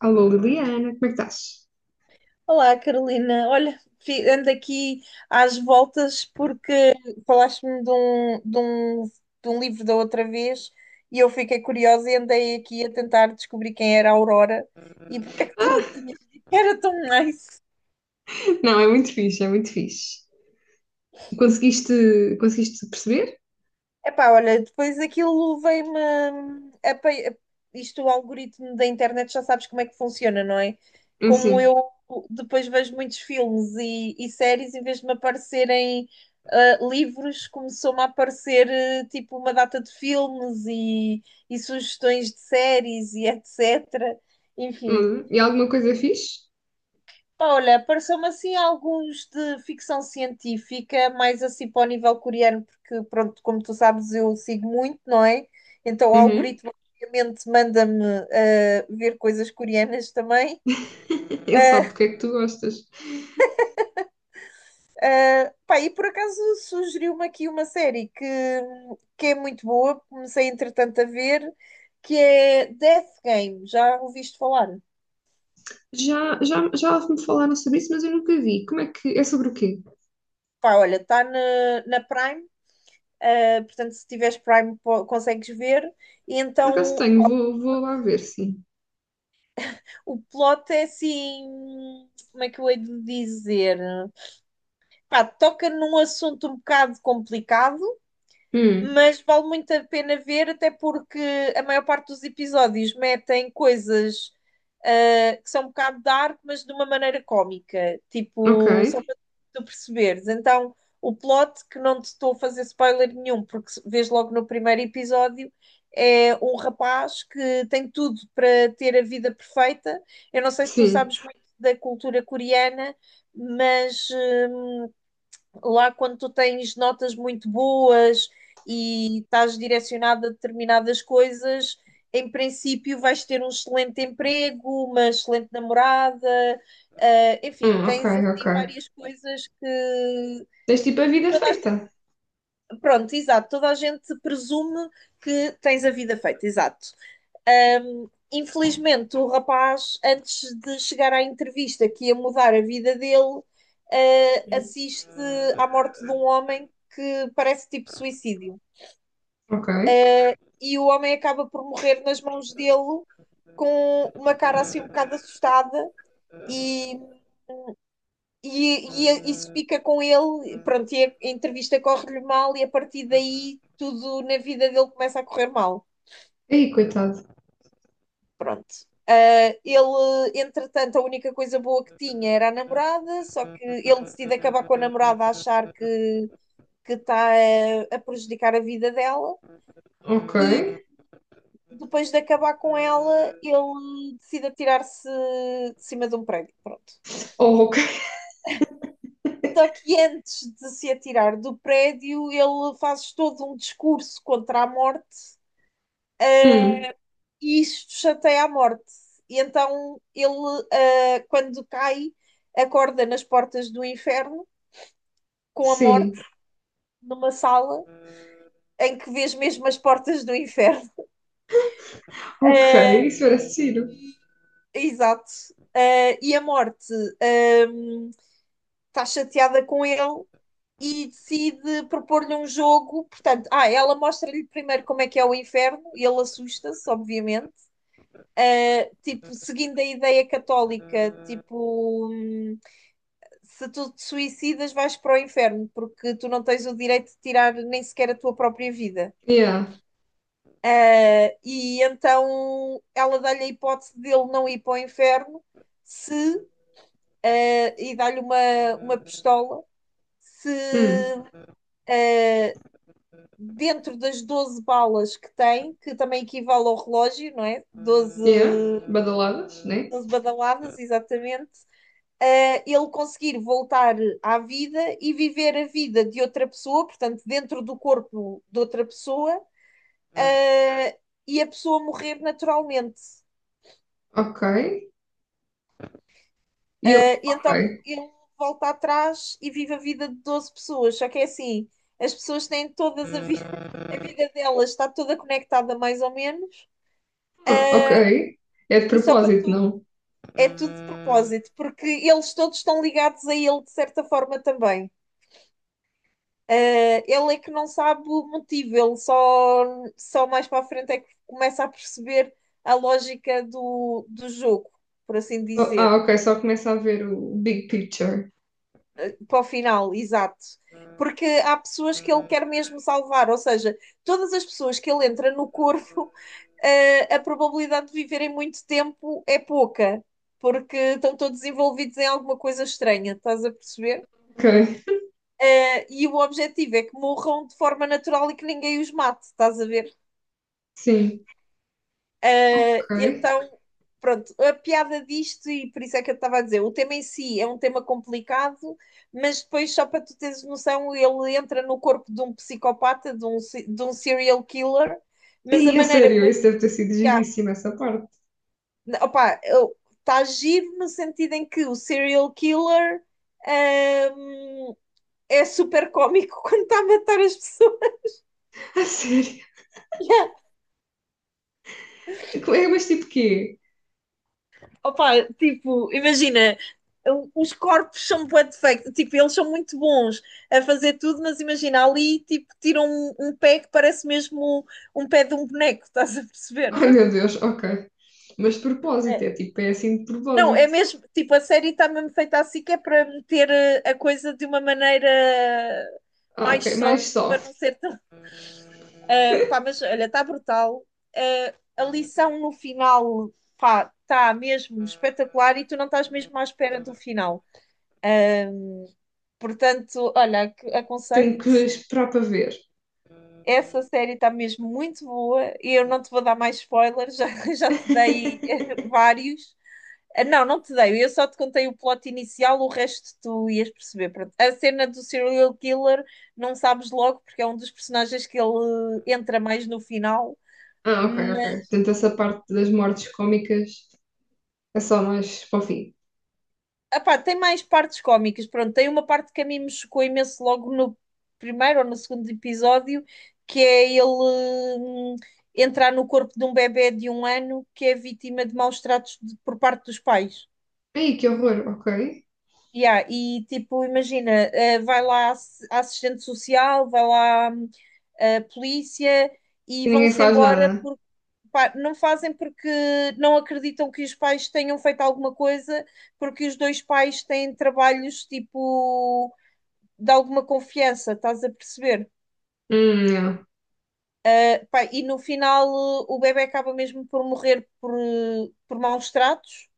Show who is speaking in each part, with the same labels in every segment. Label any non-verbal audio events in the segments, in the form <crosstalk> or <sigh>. Speaker 1: Alô Liliana, como é que estás?
Speaker 2: Olá, Carolina. Olha, ando aqui às voltas porque falaste-me de um livro da outra vez e eu fiquei curiosa e andei aqui a tentar descobrir quem era a Aurora e porque é que tu
Speaker 1: Ah,
Speaker 2: tinhas dito que era tão nice.
Speaker 1: <laughs> Não, é muito fixe, é muito fixe. Conseguiste, conseguiste perceber?
Speaker 2: Epá, olha, depois aquilo isto, o algoritmo da internet, já sabes como é que funciona, não é? Como
Speaker 1: Sim.
Speaker 2: eu depois vejo muitos filmes e séries, em vez de me aparecerem livros, começou-me a aparecer tipo uma data de filmes e sugestões de séries e etc. Enfim,
Speaker 1: E alguma coisa fixe?
Speaker 2: pá, olha, pareceu-me assim alguns de ficção científica, mais assim para o nível coreano, porque pronto, como tu sabes, eu sigo muito, não é? Então o
Speaker 1: Uhum.
Speaker 2: algoritmo obviamente manda-me ver coisas coreanas também.
Speaker 1: <laughs> Ele sabe
Speaker 2: Ah,
Speaker 1: do que é que tu gostas.
Speaker 2: Pá, e por acaso sugeriu-me aqui uma série que é muito boa, comecei entretanto a ver, que é Death Game, já ouviste falar?
Speaker 1: Já, já, já me falaram sobre isso, mas eu nunca vi. Como é que, é sobre o quê?
Speaker 2: Pá, olha, na Prime, portanto se tiveres consegues ver, e
Speaker 1: Por acaso
Speaker 2: então
Speaker 1: tenho, vou, vou lá ver, sim.
Speaker 2: o plot é assim, como é que eu hei de dizer? Pá, toca num assunto um bocado complicado,
Speaker 1: Hum,
Speaker 2: mas vale muito a pena ver, até porque a maior parte dos episódios metem coisas que são um bocado dark, mas de uma maneira cómica,
Speaker 1: ok.
Speaker 2: tipo, só para tu perceberes. Então, o plot, que não te estou a fazer spoiler nenhum, porque vês logo no primeiro episódio, é um rapaz que tem tudo para ter a vida perfeita. Eu não sei se tu
Speaker 1: Sim.
Speaker 2: sabes muito da cultura coreana, mas lá, quando tu tens notas muito boas e estás direcionado a determinadas coisas, em princípio vais ter um excelente emprego, uma excelente namorada, enfim,
Speaker 1: Ok,
Speaker 2: tens
Speaker 1: ok.
Speaker 2: assim várias coisas que.
Speaker 1: Tens tipo a vida feita.
Speaker 2: Pronto, exato, toda a gente presume que tens a vida feita, exato. Infelizmente, o rapaz, antes de chegar à entrevista que ia mudar a vida dele,
Speaker 1: Hum.
Speaker 2: assiste à morte de um homem que parece tipo suicídio.
Speaker 1: Ok.
Speaker 2: Uh, e o homem acaba por morrer nas mãos dele com uma cara assim um bocado assustada e, e isso fica com ele, pronto, e a entrevista corre-lhe mal e a partir daí tudo na vida dele começa a correr mal.
Speaker 1: Ei, coitado.
Speaker 2: Pronto. Ele, entretanto, a única coisa boa que tinha era a namorada, só que ele decide acabar com a namorada a achar que está a prejudicar a vida dela,
Speaker 1: Ok.
Speaker 2: e depois de acabar com ela, ele decide atirar-se de cima de um prédio. Pronto.
Speaker 1: Oh, ok.
Speaker 2: Só que antes de se atirar do prédio, ele faz todo um discurso contra a morte
Speaker 1: Hum,
Speaker 2: e isto chateia à morte. E então ele, quando cai, acorda nas portas do inferno com a
Speaker 1: sim.
Speaker 2: morte numa sala em que vês mesmo as portas do inferno.
Speaker 1: Ok, isso era giro.
Speaker 2: <laughs> Exato. E a morte ah, está chateada com ele e decide propor-lhe um jogo. Portanto, ela mostra-lhe primeiro como é que é o inferno e ele assusta-se, obviamente. Tipo, seguindo a ideia católica, tipo, se tu te suicidas, vais para o inferno, porque tu não tens o direito de tirar nem sequer a tua própria vida.
Speaker 1: Yeah.
Speaker 2: E então ela dá-lhe a hipótese dele não ir para o inferno se, ah, e dá-lhe uma pistola se
Speaker 1: Hum.
Speaker 2: dentro das 12 balas que tem, que também equivale ao relógio, não é?
Speaker 1: Yeah. Badaladas, né?
Speaker 2: Doze badaladas, exatamente, ele conseguir voltar à vida e viver a vida de outra pessoa, portanto, dentro do corpo de outra pessoa, e a pessoa morrer naturalmente.
Speaker 1: Ok. E ele,
Speaker 2: Então
Speaker 1: ok.
Speaker 2: ele volta atrás e vive a vida de 12 pessoas, só que é assim. As pessoas têm todas a vida, <laughs> a vida delas está toda conectada mais ou menos,
Speaker 1: Ah, ok. É de
Speaker 2: e só para
Speaker 1: propósito,
Speaker 2: tu
Speaker 1: não?
Speaker 2: é tudo de propósito, porque eles todos estão ligados a ele de certa forma também. Ele é que não sabe o motivo, só mais para a frente é que começa a perceber a lógica do jogo, por assim
Speaker 1: Ah,
Speaker 2: dizer,
Speaker 1: ok, só começa a ver o big picture.
Speaker 2: para o final, exato. Porque há pessoas que ele quer mesmo salvar, ou seja, todas as pessoas que ele entra no corpo, <laughs> a probabilidade de viverem muito tempo é pouca, porque estão todos envolvidos em alguma coisa estranha, estás a perceber?
Speaker 1: Ok,
Speaker 2: E o objetivo é que morram de forma natural e que ninguém os mate, estás a ver?
Speaker 1: sim,
Speaker 2: Ah,
Speaker 1: ok.
Speaker 2: então, Pronto, a piada disto, e por isso é que eu estava a dizer, o tema em si é um tema complicado, mas depois, só para tu teres noção, ele entra no corpo de um psicopata, de um, se- de um serial killer, mas a
Speaker 1: E a
Speaker 2: maneira
Speaker 1: sério,
Speaker 2: como.
Speaker 1: isso deve ter sido
Speaker 2: Yeah,
Speaker 1: giríssimo, essa parte.
Speaker 2: opa, está giro no sentido em que o serial killer, ahm, é super cómico <laughs> quando está a matar as pessoas.
Speaker 1: A sério. É, mas tipo quê?
Speaker 2: Opa, tipo, imagina, os corpos são bué defectos, tipo, eles são muito bons a fazer tudo, mas imagina, ali, tipo, tiram um pé que parece mesmo um pé de um boneco, <laughs> estás a perceber?
Speaker 1: Ai meu Deus, ok. Mas de propósito,
Speaker 2: É.
Speaker 1: é tipo, é assim de
Speaker 2: Não, é
Speaker 1: propósito.
Speaker 2: mesmo, tipo, a série está mesmo feita assim que é para meter a coisa de uma maneira
Speaker 1: Ah, ok,
Speaker 2: mais soft,
Speaker 1: mais
Speaker 2: para
Speaker 1: soft.
Speaker 2: não ser tão <laughs> Ah, pá, mas olha, está brutal. Ah, a lição no final, pá, está mesmo
Speaker 1: <laughs>
Speaker 2: espetacular e tu não estás mesmo à espera do final. Portanto, olha,
Speaker 1: Tenho que
Speaker 2: aconselho-te.
Speaker 1: esperar para ver.
Speaker 2: Essa série está mesmo muito boa e eu não te vou dar mais spoilers, <laughs> já te dei <laughs>
Speaker 1: <laughs>
Speaker 2: vários. Ah, não, não te dei, eu só te contei o plot inicial, o resto tu ias perceber. Pronto. A cena do serial killer não sabes logo, porque é um dos personagens que ele entra mais no final.
Speaker 1: Ah, ok, ok. Portanto, essa parte das mortes cómicas é só mais para o fim.
Speaker 2: Epá, tem mais partes cómicas. Pronto, tem uma parte que a mim me chocou imenso logo no primeiro ou no segundo episódio, que é ele entrar no corpo de um bebé de um ano que é vítima de maus tratos por parte dos pais.
Speaker 1: Ei, que horror, ok.
Speaker 2: Yeah, e tipo, imagina, vai lá a assistente social, vai lá a polícia e
Speaker 1: E ninguém
Speaker 2: vão-se
Speaker 1: faz
Speaker 2: embora.
Speaker 1: nada.
Speaker 2: Pá, não fazem porque não acreditam que os pais tenham feito alguma coisa, porque os dois pais têm trabalhos tipo de alguma confiança, estás a perceber?
Speaker 1: Não.
Speaker 2: Pá, e no final o bebé acaba mesmo por morrer por maus tratos,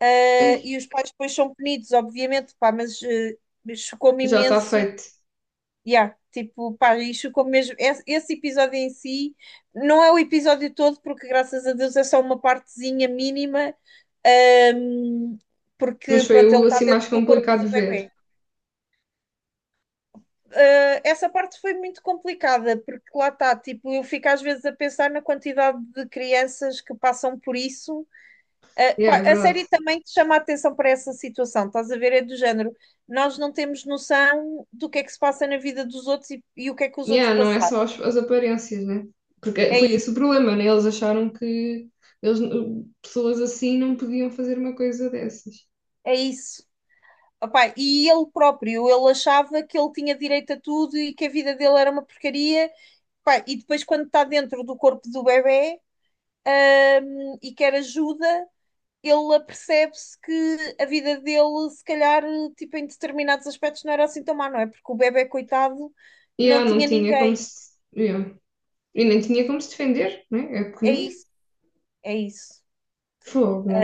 Speaker 1: Ei,
Speaker 2: e os pais depois são punidos, obviamente, pá, mas chocou-me
Speaker 1: já está
Speaker 2: imenso.
Speaker 1: feito.
Speaker 2: Yeah, tipo, pá, isto como mesmo. Esse episódio em si não é o episódio todo, porque graças a Deus é só uma partezinha mínima, ahm, porque
Speaker 1: Mas foi
Speaker 2: pronto, ele
Speaker 1: o
Speaker 2: está
Speaker 1: assim
Speaker 2: dentro
Speaker 1: mais
Speaker 2: do corpo
Speaker 1: complicado
Speaker 2: do
Speaker 1: de ver.
Speaker 2: bebê. Ah, essa parte foi muito complicada, porque lá está, tipo, eu fico às vezes a pensar na quantidade de crianças que passam por isso. Ah,
Speaker 1: Yeah,
Speaker 2: pá,
Speaker 1: é
Speaker 2: a
Speaker 1: verdade.
Speaker 2: série também te chama a atenção para essa situação, estás a ver? É do género. Nós não temos noção do que é que se passa na vida dos outros e o que é que os outros
Speaker 1: Yeah, não é
Speaker 2: passaram.
Speaker 1: só as, as aparências, né? Porque
Speaker 2: É
Speaker 1: foi esse
Speaker 2: isso.
Speaker 1: o problema, né? Eles acharam que eles, pessoas assim não podiam fazer uma coisa dessas.
Speaker 2: É isso. Opá, e ele próprio, ele achava que ele tinha direito a tudo e que a vida dele era uma porcaria. Opá, e depois, quando está dentro do corpo do bebê, e quer ajuda, ele apercebe-se que a vida dele, se calhar, tipo, em determinados aspectos, não era assim tão má, não é? Porque o bebê, coitado,
Speaker 1: Yeah,
Speaker 2: não
Speaker 1: não
Speaker 2: tinha
Speaker 1: tinha como
Speaker 2: ninguém.
Speaker 1: se. Yeah. E nem tinha como se defender, né? É é
Speaker 2: É
Speaker 1: pequenino.
Speaker 2: isso, é isso.
Speaker 1: Fogo.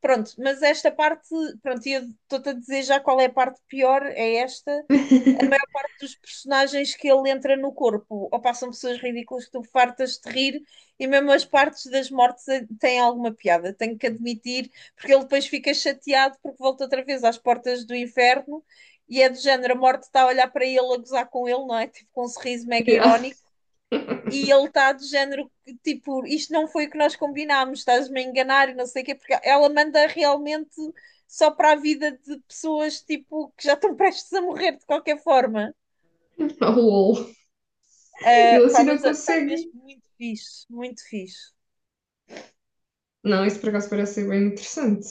Speaker 2: Pronto, mas esta parte, pronto, e eu estou-te a dizer já qual é a parte pior, é esta, a maior
Speaker 1: <laughs>
Speaker 2: parte dos personagens que ele entra no corpo, ou passam pessoas ridículas que tu fartas de rir, e mesmo as partes das mortes têm alguma piada, tenho que admitir, porque ele depois fica chateado porque volta outra vez às portas do inferno e é do género, a morte está a olhar para ele, a gozar com ele, não é? Tipo, com um sorriso mega
Speaker 1: Yeah.
Speaker 2: irónico. E
Speaker 1: <laughs>
Speaker 2: ele está do género, tipo, isto não foi o que nós combinámos, estás-me a enganar e não sei o quê, porque ela manda realmente só para a vida de pessoas, tipo, que já estão <laughs> prestes a morrer de qualquer forma.
Speaker 1: Oh, lol. Ele assim
Speaker 2: Pá,
Speaker 1: não
Speaker 2: mas está
Speaker 1: consegue.
Speaker 2: mesmo muito fixe, muito fixe.
Speaker 1: Não, isso por acaso parece ser bem interessante.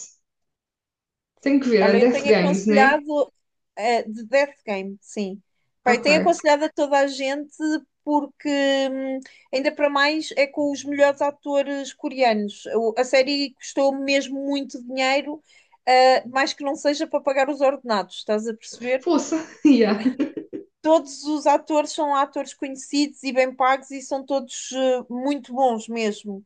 Speaker 1: Tenho que ver, a
Speaker 2: Olha, eu
Speaker 1: Death
Speaker 2: tenho
Speaker 1: Games, né?
Speaker 2: aconselhado de Death Game, sim. Pá, eu
Speaker 1: Ok.
Speaker 2: tenho aconselhado a toda a gente porque hum, ainda para mais é com os melhores atores coreanos. A série custou mesmo muito dinheiro, mais que não seja para pagar os ordenados, estás a perceber?
Speaker 1: Força. <laughs> Yeah.
Speaker 2: Todos os atores são atores conhecidos e bem pagos e são todos muito bons mesmo.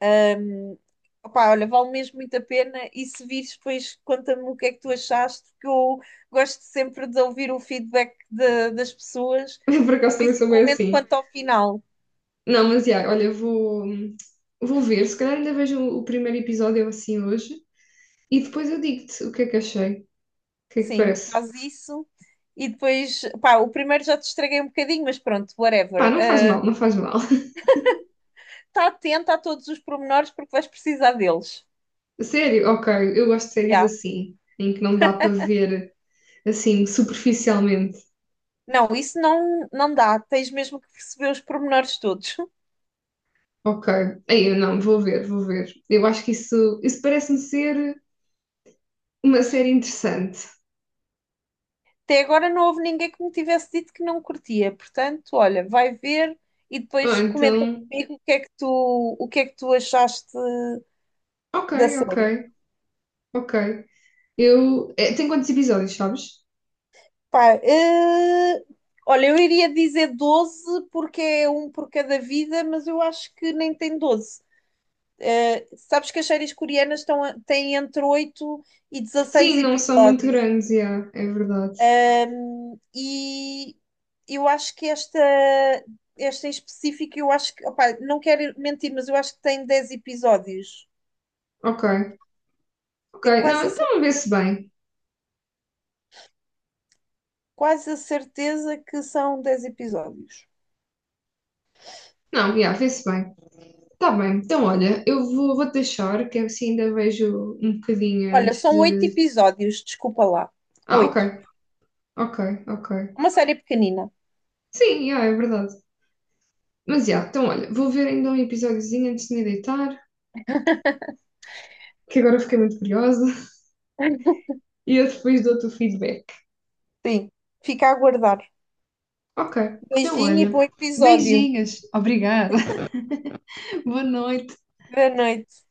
Speaker 2: Ahm, Opá, olha, vale mesmo muito a pena. E se vires, depois conta-me o que é que tu achaste, que eu gosto sempre de ouvir o feedback das pessoas,
Speaker 1: Eu por acaso também sou bem
Speaker 2: principalmente
Speaker 1: assim.
Speaker 2: quanto ao final.
Speaker 1: Não, mas yeah, olha, vou, vou ver. Se calhar ainda vejo o primeiro episódio assim hoje e depois eu digo-te o que é que achei. O que é que te
Speaker 2: Sim,
Speaker 1: parece?
Speaker 2: faz isso. E depois, pá, o primeiro já te estraguei um bocadinho, mas pronto,
Speaker 1: Pá,
Speaker 2: whatever.
Speaker 1: não faz mal, não faz mal.
Speaker 2: Está atento a todos os pormenores porque vais precisar deles.
Speaker 1: <laughs> Sério, ok, eu gosto de séries
Speaker 2: Já.
Speaker 1: assim, em que não dá para ver assim, superficialmente.
Speaker 2: Não, isso não, não dá. Tens mesmo que perceber os pormenores todos. <laughs>
Speaker 1: Ok, aí eu não, vou ver, vou ver. Eu acho que isso parece-me ser uma série interessante.
Speaker 2: Até agora não houve ninguém que me tivesse dito que não curtia. Portanto, olha, vai ver e
Speaker 1: Ah,
Speaker 2: depois comenta
Speaker 1: então,
Speaker 2: comigo o que é que tu achaste
Speaker 1: ok,
Speaker 2: da
Speaker 1: ok,
Speaker 2: série.
Speaker 1: ok. Eu, é, tem quantos episódios, sabes?
Speaker 2: Pá, olha, eu iria dizer 12 porque é um por cada vida, mas eu acho que nem tem doze. Sabes que as séries coreanas têm entre 8 e 16
Speaker 1: Sim, não são muito
Speaker 2: episódios.
Speaker 1: grandes, yeah, é verdade.
Speaker 2: E eu acho que esta em específico, eu acho que, opá, não quero mentir, mas eu acho que tem 10 episódios.
Speaker 1: Ok, ok.
Speaker 2: Tenho
Speaker 1: Não, então vê-se bem.
Speaker 2: quase a certeza que são 10 episódios.
Speaker 1: Não, yeah, vê-se bem. Tá bem, então olha, eu vou, vou deixar, que assim ainda vejo um bocadinho
Speaker 2: Olha,
Speaker 1: antes
Speaker 2: são 8
Speaker 1: de.
Speaker 2: episódios, desculpa lá.
Speaker 1: Ah, ok,
Speaker 2: Oito.
Speaker 1: ok, ok.
Speaker 2: Uma série pequenina.
Speaker 1: Sim, yeah, é verdade. Mas já, então olha, vou ver ainda um episódiozinho antes de me deitar, que agora fiquei muito curiosa, <laughs> e eu depois dou-te o feedback.
Speaker 2: Sim. Fica a aguardar.
Speaker 1: Ok, então
Speaker 2: Beijinho e
Speaker 1: olha,
Speaker 2: bom episódio.
Speaker 1: beijinhos, obrigada, <laughs> boa noite.
Speaker 2: Boa noite.